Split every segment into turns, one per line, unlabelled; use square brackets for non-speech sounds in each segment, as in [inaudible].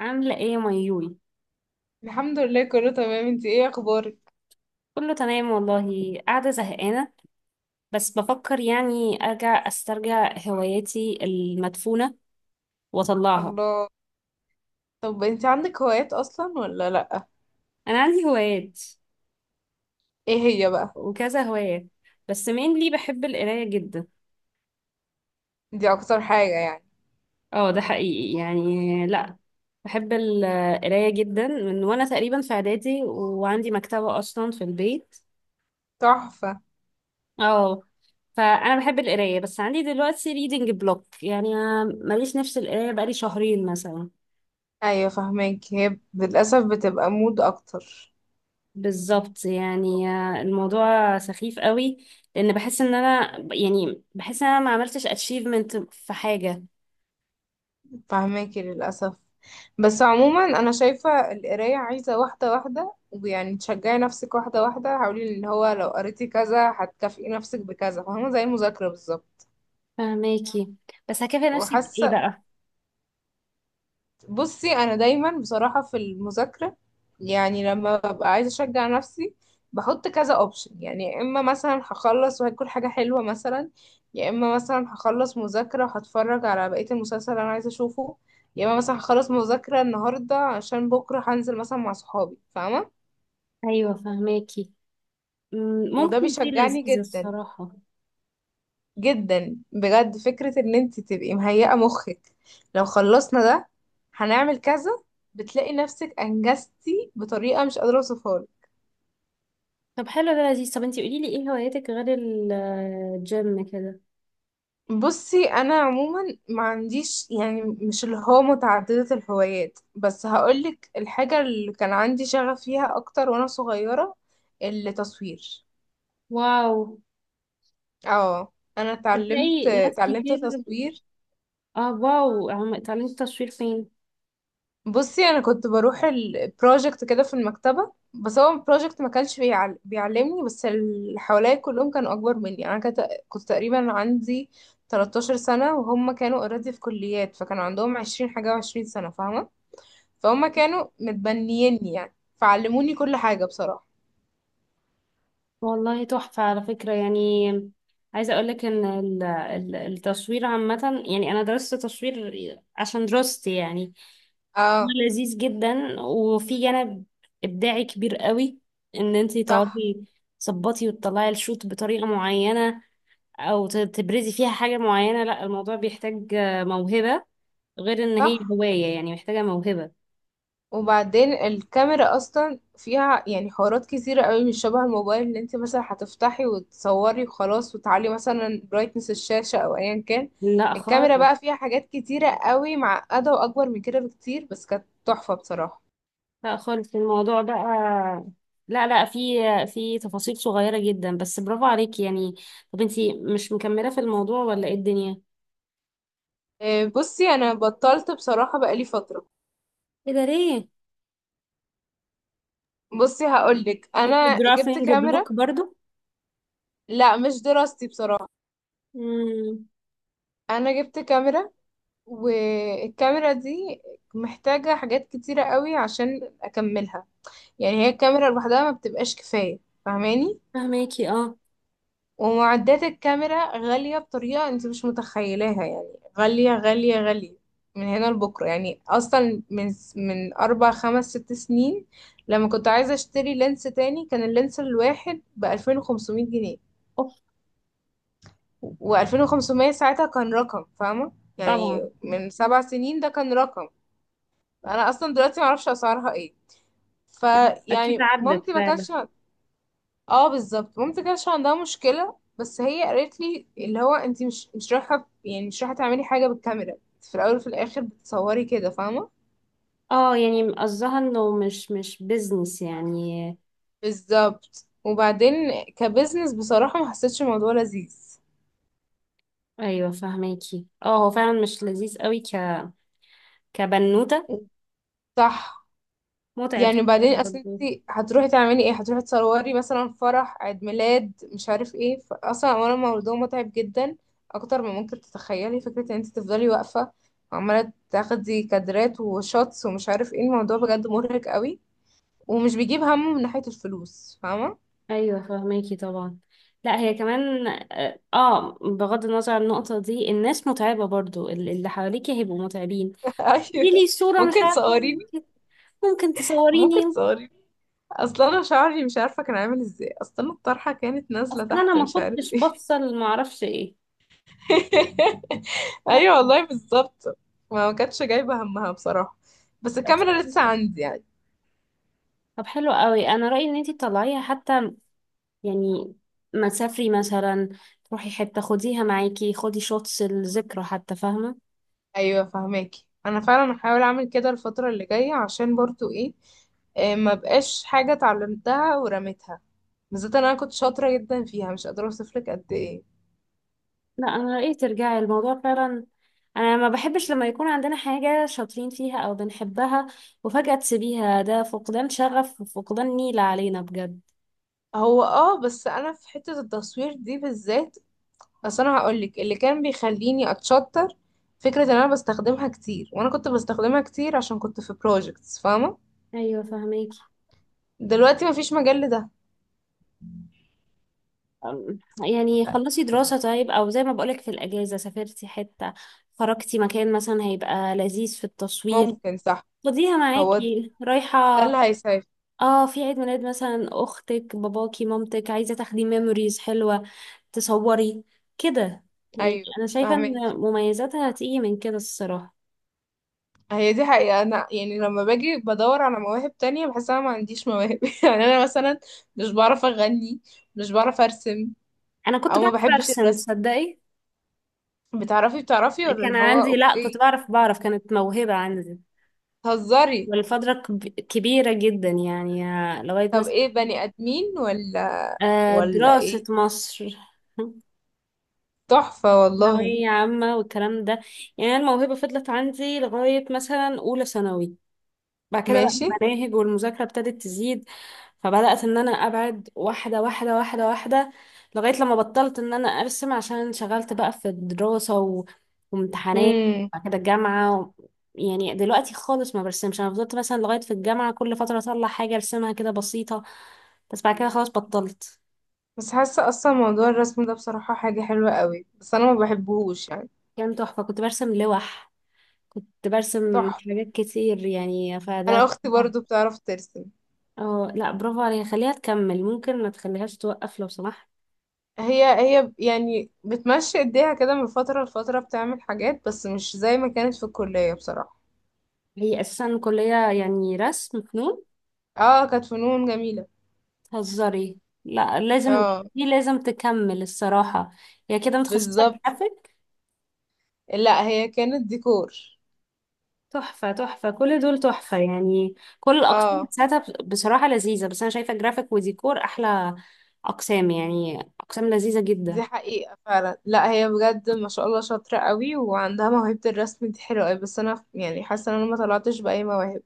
عاملة ايه يا ميول؟
الحمد لله، كله تمام. انت ايه اخبارك؟
كله تمام والله، قاعدة زهقانة بس بفكر يعني ارجع استرجع هواياتي المدفونة واطلعها.
الله. طب انت عندك هوايات اصلا ولا لا؟
انا عندي هوايات
ايه هي بقى؟
وكذا هواية، بس mainly بحب القراية جدا.
دي اكتر حاجة يعني؟
اه ده حقيقي، يعني لا بحب القراية جدا من وانا تقريبا في اعدادي، وعندي مكتبة اصلا في البيت.
تحفة.
اه، فانا بحب القراية بس عندي دلوقتي reading block يعني، ماليش نفس القراية بقالي شهرين مثلا.
ايوه، فهماك. هي للاسف بتبقى مود اكتر.
بالظبط يعني، الموضوع سخيف قوي لان بحس ان انا، يعني بحس ان انا ما عملتش اتشيفمنت في حاجه.
فهماكي للاسف. بس عموما انا شايفة القراية عايزة واحدة واحدة، ويعني تشجعي نفسك واحدة واحدة، حاولي ان هو لو قريتي كذا هتكافئي نفسك بكذا، فاهمة؟ زي المذاكرة بالظبط.
فهماكي، بس هكافئ نفسي بايه
وحاسة.
بقى؟
بصي، انا دايما بصراحه في المذاكره، يعني لما ببقى عايزه اشجع نفسي، بحط كذا اوبشن. يعني يا اما مثلا هخلص وهاكل حاجه حلوه مثلا، يا اما مثلا هخلص مذاكره وهتفرج على بقيه المسلسل اللي انا عايزه اشوفه، يا اما مثلا هخلص مذاكره النهارده عشان بكره هنزل مثلا مع صحابي، فاهمه؟
ايوه فهماكي.
وده
ممكن دي
بيشجعني
لذيذه
جدا.
الصراحه.
جدا بجد، فكرة ان انت تبقي مهيئة مخك. لو خلصنا ده، هنعمل كذا. بتلاقي نفسك انجزتي بطريقة مش قادرة اوصفها لك.
طب حلو، ده لذيذ. طب انتي قولي لي ايه هواياتك غير الجيم كده؟
بصي، انا عموما ما عنديش يعني مش اللي هو متعددة الهوايات، بس هقولك الحاجة اللي كان عندي شغف فيها اكتر وانا صغيرة. التصوير.
واو،
اه، انا اتعلمت
تصدقي ناس
اتعلمت
كتير.
تصوير.
اه، واو، تعليم التصوير فين؟
بصي، انا كنت بروح البروجكت كده في المكتبه، بس هو البروجكت ما كانش بيعلمني، بس اللي حواليا كلهم كانوا اكبر مني. يعني انا كنت تقريبا عندي 13 سنه، وهم كانوا اوريدي في كليات، فكانوا عندهم 20 حاجه و20 سنه، فاهمه؟ فهم كانوا متبنييني يعني، فعلموني كل حاجه بصراحه.
والله تحفة على فكرة يعني. عايزة أقولك إن التصوير عامة يعني، أنا درست تصوير عشان دراستي يعني. هو
اه.
لذيذ جدا، وفي جانب إبداعي كبير قوي، إن أنتي
صح.
تقعدي تظبطي وتطلعي الشوت بطريقة معينة، أو تبرزي فيها حاجة معينة. لا الموضوع بيحتاج موهبة، غير إن هي
صح،
هواية يعني محتاجة موهبة.
وبعدين الكاميرا اصلا فيها يعني حوارات كتيرة قوي، مش شبه الموبايل اللي انت مثلا هتفتحي وتصوري وخلاص وتعلي مثلا برايتنس الشاشة او ايا كان.
لا خالص.
الكاميرا بقى فيها حاجات كتيرة قوي معقدة واكبر من كده بكتير، بس كانت تحفة بصراحة.
لا خالص، الموضوع بقى، لا لا، في في تفاصيل صغيرة جدا، بس برافو عليكي يعني. طب انتي مش مكملة في الموضوع ولا ايه الدنيا؟
إيه، بصي انا بطلت بصراحة بقالي فترة.
ايه ده ليه؟
بصي، هقولك،
كنت
انا جبت
درافينج
كاميرا.
بلوك برضو؟
لا مش دراستي بصراحة.
امم.
انا جبت كاميرا، والكاميرا دي محتاجة حاجات كتيرة قوي عشان اكملها. يعني هي الكاميرا لوحدها ما بتبقاش كفاية، فاهماني؟
فهماكي اه.
ومعدات الكاميرا غالية بطريقة انت مش متخيلاها يعني. غالية غالية غالية، من هنا لبكرة يعني. اصلا من 4 5 6 سنين، لما كنت عايزة اشتري لينس تاني، كان اللينس الواحد ب2500 جنيه.
اوف.
وألفين وخمسمية ساعتها كان رقم، فاهمة؟
طبعا.
يعني من 7 سنين ده كان رقم. انا اصلا دلوقتي معرفش اسعارها ايه.
اكيد
فيعني
عدت
مامتي ما
فعلا.
كانش. اه بالظبط، مامتي كانش عندها مشكله، بس هي قالت لي اللي هو انت مش رايحه، يعني مش رايحه تعملي حاجه بالكاميرا. انت في الاول وفي الاخر بتصوري كده، فاهمه؟
اه، يعني قصدها انه مش بيزنس يعني.
بالظبط. وبعدين كبزنس بصراحه ما حسيتش الموضوع لذيذ.
ايوه فهماكي اه، هو فعلا مش لذيذ قوي ك كبنوتة،
صح.
متعب
يعني
شوية.
بعدين اصل
برضو.
انت هتروحي تعملي ايه؟ هتروحي تصوري مثلا فرح، عيد ميلاد، مش عارف ايه. اصلا اولا الموضوع متعب جدا، اكتر ما ممكن تتخيلي. فكره ان انت تفضلي واقفه وعماله تاخدي كادرات وشوتس ومش عارف ايه، الموضوع بجد مرهق قوي. ومش بيجيب همه من ناحيه الفلوس، فاهمه؟
ايوه فهماكي طبعا. لا هي كمان اه، بغض النظر عن النقطه دي، الناس متعبه برضو، اللي حواليكي هيبقوا متعبين.
[laughs]
دي
ايوه.
لي صوره مش
ممكن
عارفه أقول
تصوريني.
لك إيه. ممكن
ممكن
تصوريني.
تصوريني. اصلا انا شعري مش عارفه كان عامل ازاي، اصلا الطرحه كانت نازله
اصلا انا
تحت،
ما
مش عارف
كنتش
ايه.
بفصل، ما اعرفش ايه.
[laughs]
لا.
ايوه والله بالظبط. ما كانتش جايبه همها بصراحه. بس
بقى
الكاميرا لسه
سخيفة.
عندي يعني.
طب حلو قوي، انا رايي ان انتي تطلعيها حتى، يعني ما تسافري مثلا، تروحي حته خديها معاكي، خدي شوتس الذكرى حتى، فاهمه؟
ايوه فهماكي، انا فعلا هحاول اعمل كده الفتره اللي جايه، عشان برضو ايه، إيه، ما بقاش حاجه اتعلمتها ورميتها، بالذات إن انا كنت شاطره جدا فيها مش قادره اوصفلك قد ايه.
لا انا رأيي ترجعي الموضوع فعلا. انا ما بحبش لما يكون عندنا حاجة شاطرين فيها او بنحبها وفجأة تسيبيها، ده فقدان شغف وفقدان نيلة علينا بجد.
هو بس انا في حته التصوير دي بالذات، بس انا هقولك اللي كان بيخليني اتشطر، فكره ان انا بستخدمها كتير. وانا كنت بستخدمها كتير عشان كنت في بروجكتس، فاهمه؟
ايوه فهميكي.
دلوقتي مفيش مجال لده.
أم، يعني خلصي دراسة طيب، او زي ما بقولك، في الاجازة سافرتي حتة، خرجتي مكان، مثلا هيبقى لذيذ في التصوير.
ممكن، صح.
خديها
هو ده
معاكي رايحة.
اللي هيساعد.
اه، في عيد ميلاد مثلا اختك، باباكي، مامتك عايزة تاخدي ميموريز حلوة، تصوري كده، يعني
ايوه
انا شايفه
فهمك.
ان مميزاتها هتيجي من كده الصراحه.
هي دي حقيقة، انا يعني لما باجي بدور على مواهب تانية بحس انا ما عنديش مواهب [laughs] يعني انا مثلا مش بعرف اغني، مش بعرف ارسم،
انا كنت
او ما
بعرف
بحبش
ارسم،
الرسم.
تصدقي؟
بتعرفي ولا
كان
اللي هو
عندي، لا
اوكي؟
كنت بعرف، بعرف، كانت موهبه عندي.
تهزري.
والفتره كبيره جدا، يعني لغايه
طب
مثلا،
ايه، بني ادمين ولا ولا
دراسه
ايه؟
مصر. [laughs]
تحفة والله.
ثانويه عامه والكلام ده. يعني الموهبه فضلت عندي لغايه مثلا اولى ثانوي. بعد كده بقى
ماشي.
المناهج والمذاكرة ابتدت تزيد، فبدأت ان انا ابعد، واحدة واحدة، واحدة واحدة، لغاية لما بطلت ان انا ارسم عشان انشغلت بقى في الدراسة و... وامتحانات.
امم
بعد كده الجامعة و... يعني دلوقتي خالص ما برسمش. انا فضلت مثلا لغاية في الجامعة، كل فترة اطلع حاجة ارسمها كده بسيطة، بس بعد كده خلاص بطلت.
بس حاسة اصلا موضوع الرسم ده بصراحة حاجة حلوة قوي، بس انا ما بحبهوش يعني.
كان تحفة، كنت برسم لوح، كنت برسم
تحفة.
حاجات كتير، يعني
انا
فده.
اختي برضو بتعرف ترسم.
اه. لا برافو عليها، خليها تكمل، ممكن ما تخليهاش توقف لو سمحت.
هي هي يعني بتمشي ايديها كده من فترة لفترة بتعمل حاجات، بس مش زي ما كانت في الكلية بصراحة.
هي اساسا كلية يعني رسم، فنون؟
اه كانت فنون جميلة.
تهزري! لا لازم،
اه.
دي لازم تكمل الصراحة. هي كده متخصصة
بالظبط.
جرافيك.
لا هي كانت ديكور.
تحفة، تحفة، كل دول تحفة، يعني كل الأقسام
اه.
بتاعتها بصراحة لذيذة، بس أنا شايفة جرافيك وديكور أحلى أقسام، يعني أقسام لذيذة جدا.
دي حقيقة فعلا. لا هي بجد ما شاء الله شاطرة قوي، وعندها موهبة. الرسم دي حلوة قوي، بس انا يعني حاسة ان انا ما طلعتش بأي مواهب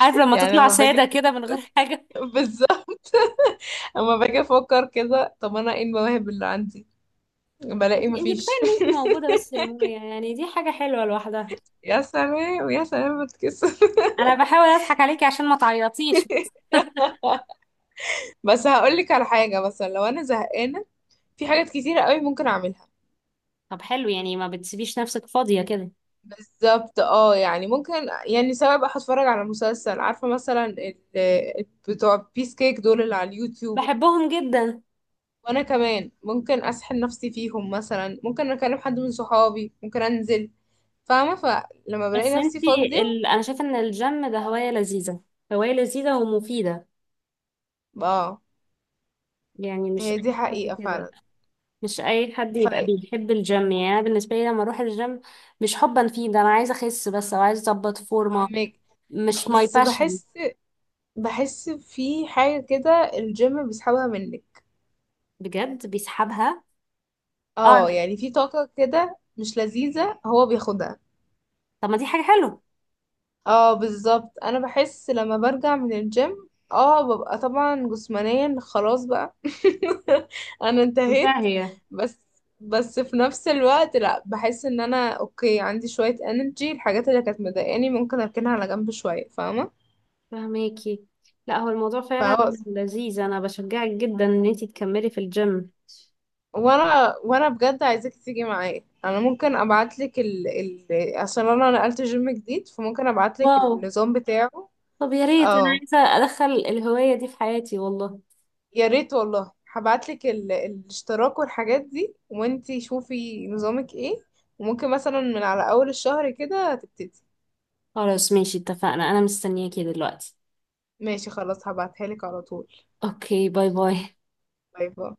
عارف لما
يعني
تطلع
لما
سادة
باجي.
كده من غير حاجة.
بالظبط. [laughs] اما باجي افكر كده، طب انا ايه المواهب اللي عندي؟ بلاقي
انت، انت كفاية
مفيش.
ان انت موجودة بس يا مويا، يعني دي حاجة حلوة لوحدها.
[laughs] يا سلام يا سلام، بتكسر [laughs]
أنا بحاول أضحك عليكي عشان ما تعيطيش.
بس هقولك على حاجة، مثلا لو أنا زهقانة في حاجات كتيرة قوي ممكن أعملها.
طب حلو، يعني ما بتسيبيش نفسك فاضية كده.
بالظبط اه، يعني ممكن. يعني سواء بقى هتفرج على مسلسل، عارفة مثلا بتوع بيس كيك دول اللي على اليوتيوب.
بحبهم جدا.
وأنا كمان ممكن أسحل نفسي فيهم، مثلا ممكن أكلم حد من صحابي، ممكن أنزل، فاهمة؟ فلما
بس
بلاقي نفسي
انتي
فاضية.
انا شايفه ان الجيم ده هوايه لذيذه، هوايه لذيذه ومفيده،
اه
يعني مش
هي دي
اي حد
حقيقة
كده،
فعلا.
مش اي حد يبقى بيحب الجيم. يعني أنا بالنسبه لي لما اروح الجيم، مش حبا فيه، ده انا عايزه اخس بس او عايزه اظبط فورمه،
فاهمك.
مش ماي
بس
باشن.
بحس في حاجة كده الجيم بيسحبها منك.
بجد بيسحبها.
اه
اه.
يعني في طاقة كده مش لذيذة هو بياخدها.
طب ما دي حاجه حلوه.
اه بالظبط، انا بحس لما برجع من الجيم ببقى طبعا جسمانيا خلاص بقى [laughs] انا
ممتعه
انتهيت.
هي.
بس بس في نفس الوقت لا، بحس ان انا اوكي، عندي شوية انرجي. الحاجات اللي كانت مضايقاني ممكن اركنها على جنب شوية، فاهمة؟
فهماكي. لا هو الموضوع فعلا
فهو،
لذيذ، انا بشجعك جدا ان انتي تكملي في الجيم.
وانا بجد عايزاك تيجي معايا. انا ممكن ابعت لك عشان انا نقلت جيم جديد، فممكن ابعت لك
واو.
النظام بتاعه.
طب يا ريت، انا
اه
عايزه ادخل الهوايه دي في حياتي والله.
يا ريت والله، هبعت لك الاشتراك والحاجات دي، وانتي شوفي نظامك ايه، وممكن مثلا من على اول الشهر كده تبتدي.
خلاص ماشي، اتفقنا، انا مستنياكي دلوقتي.
ماشي خلاص، هبعتها لك على طول.
اوكي، باي باي.
باي باي.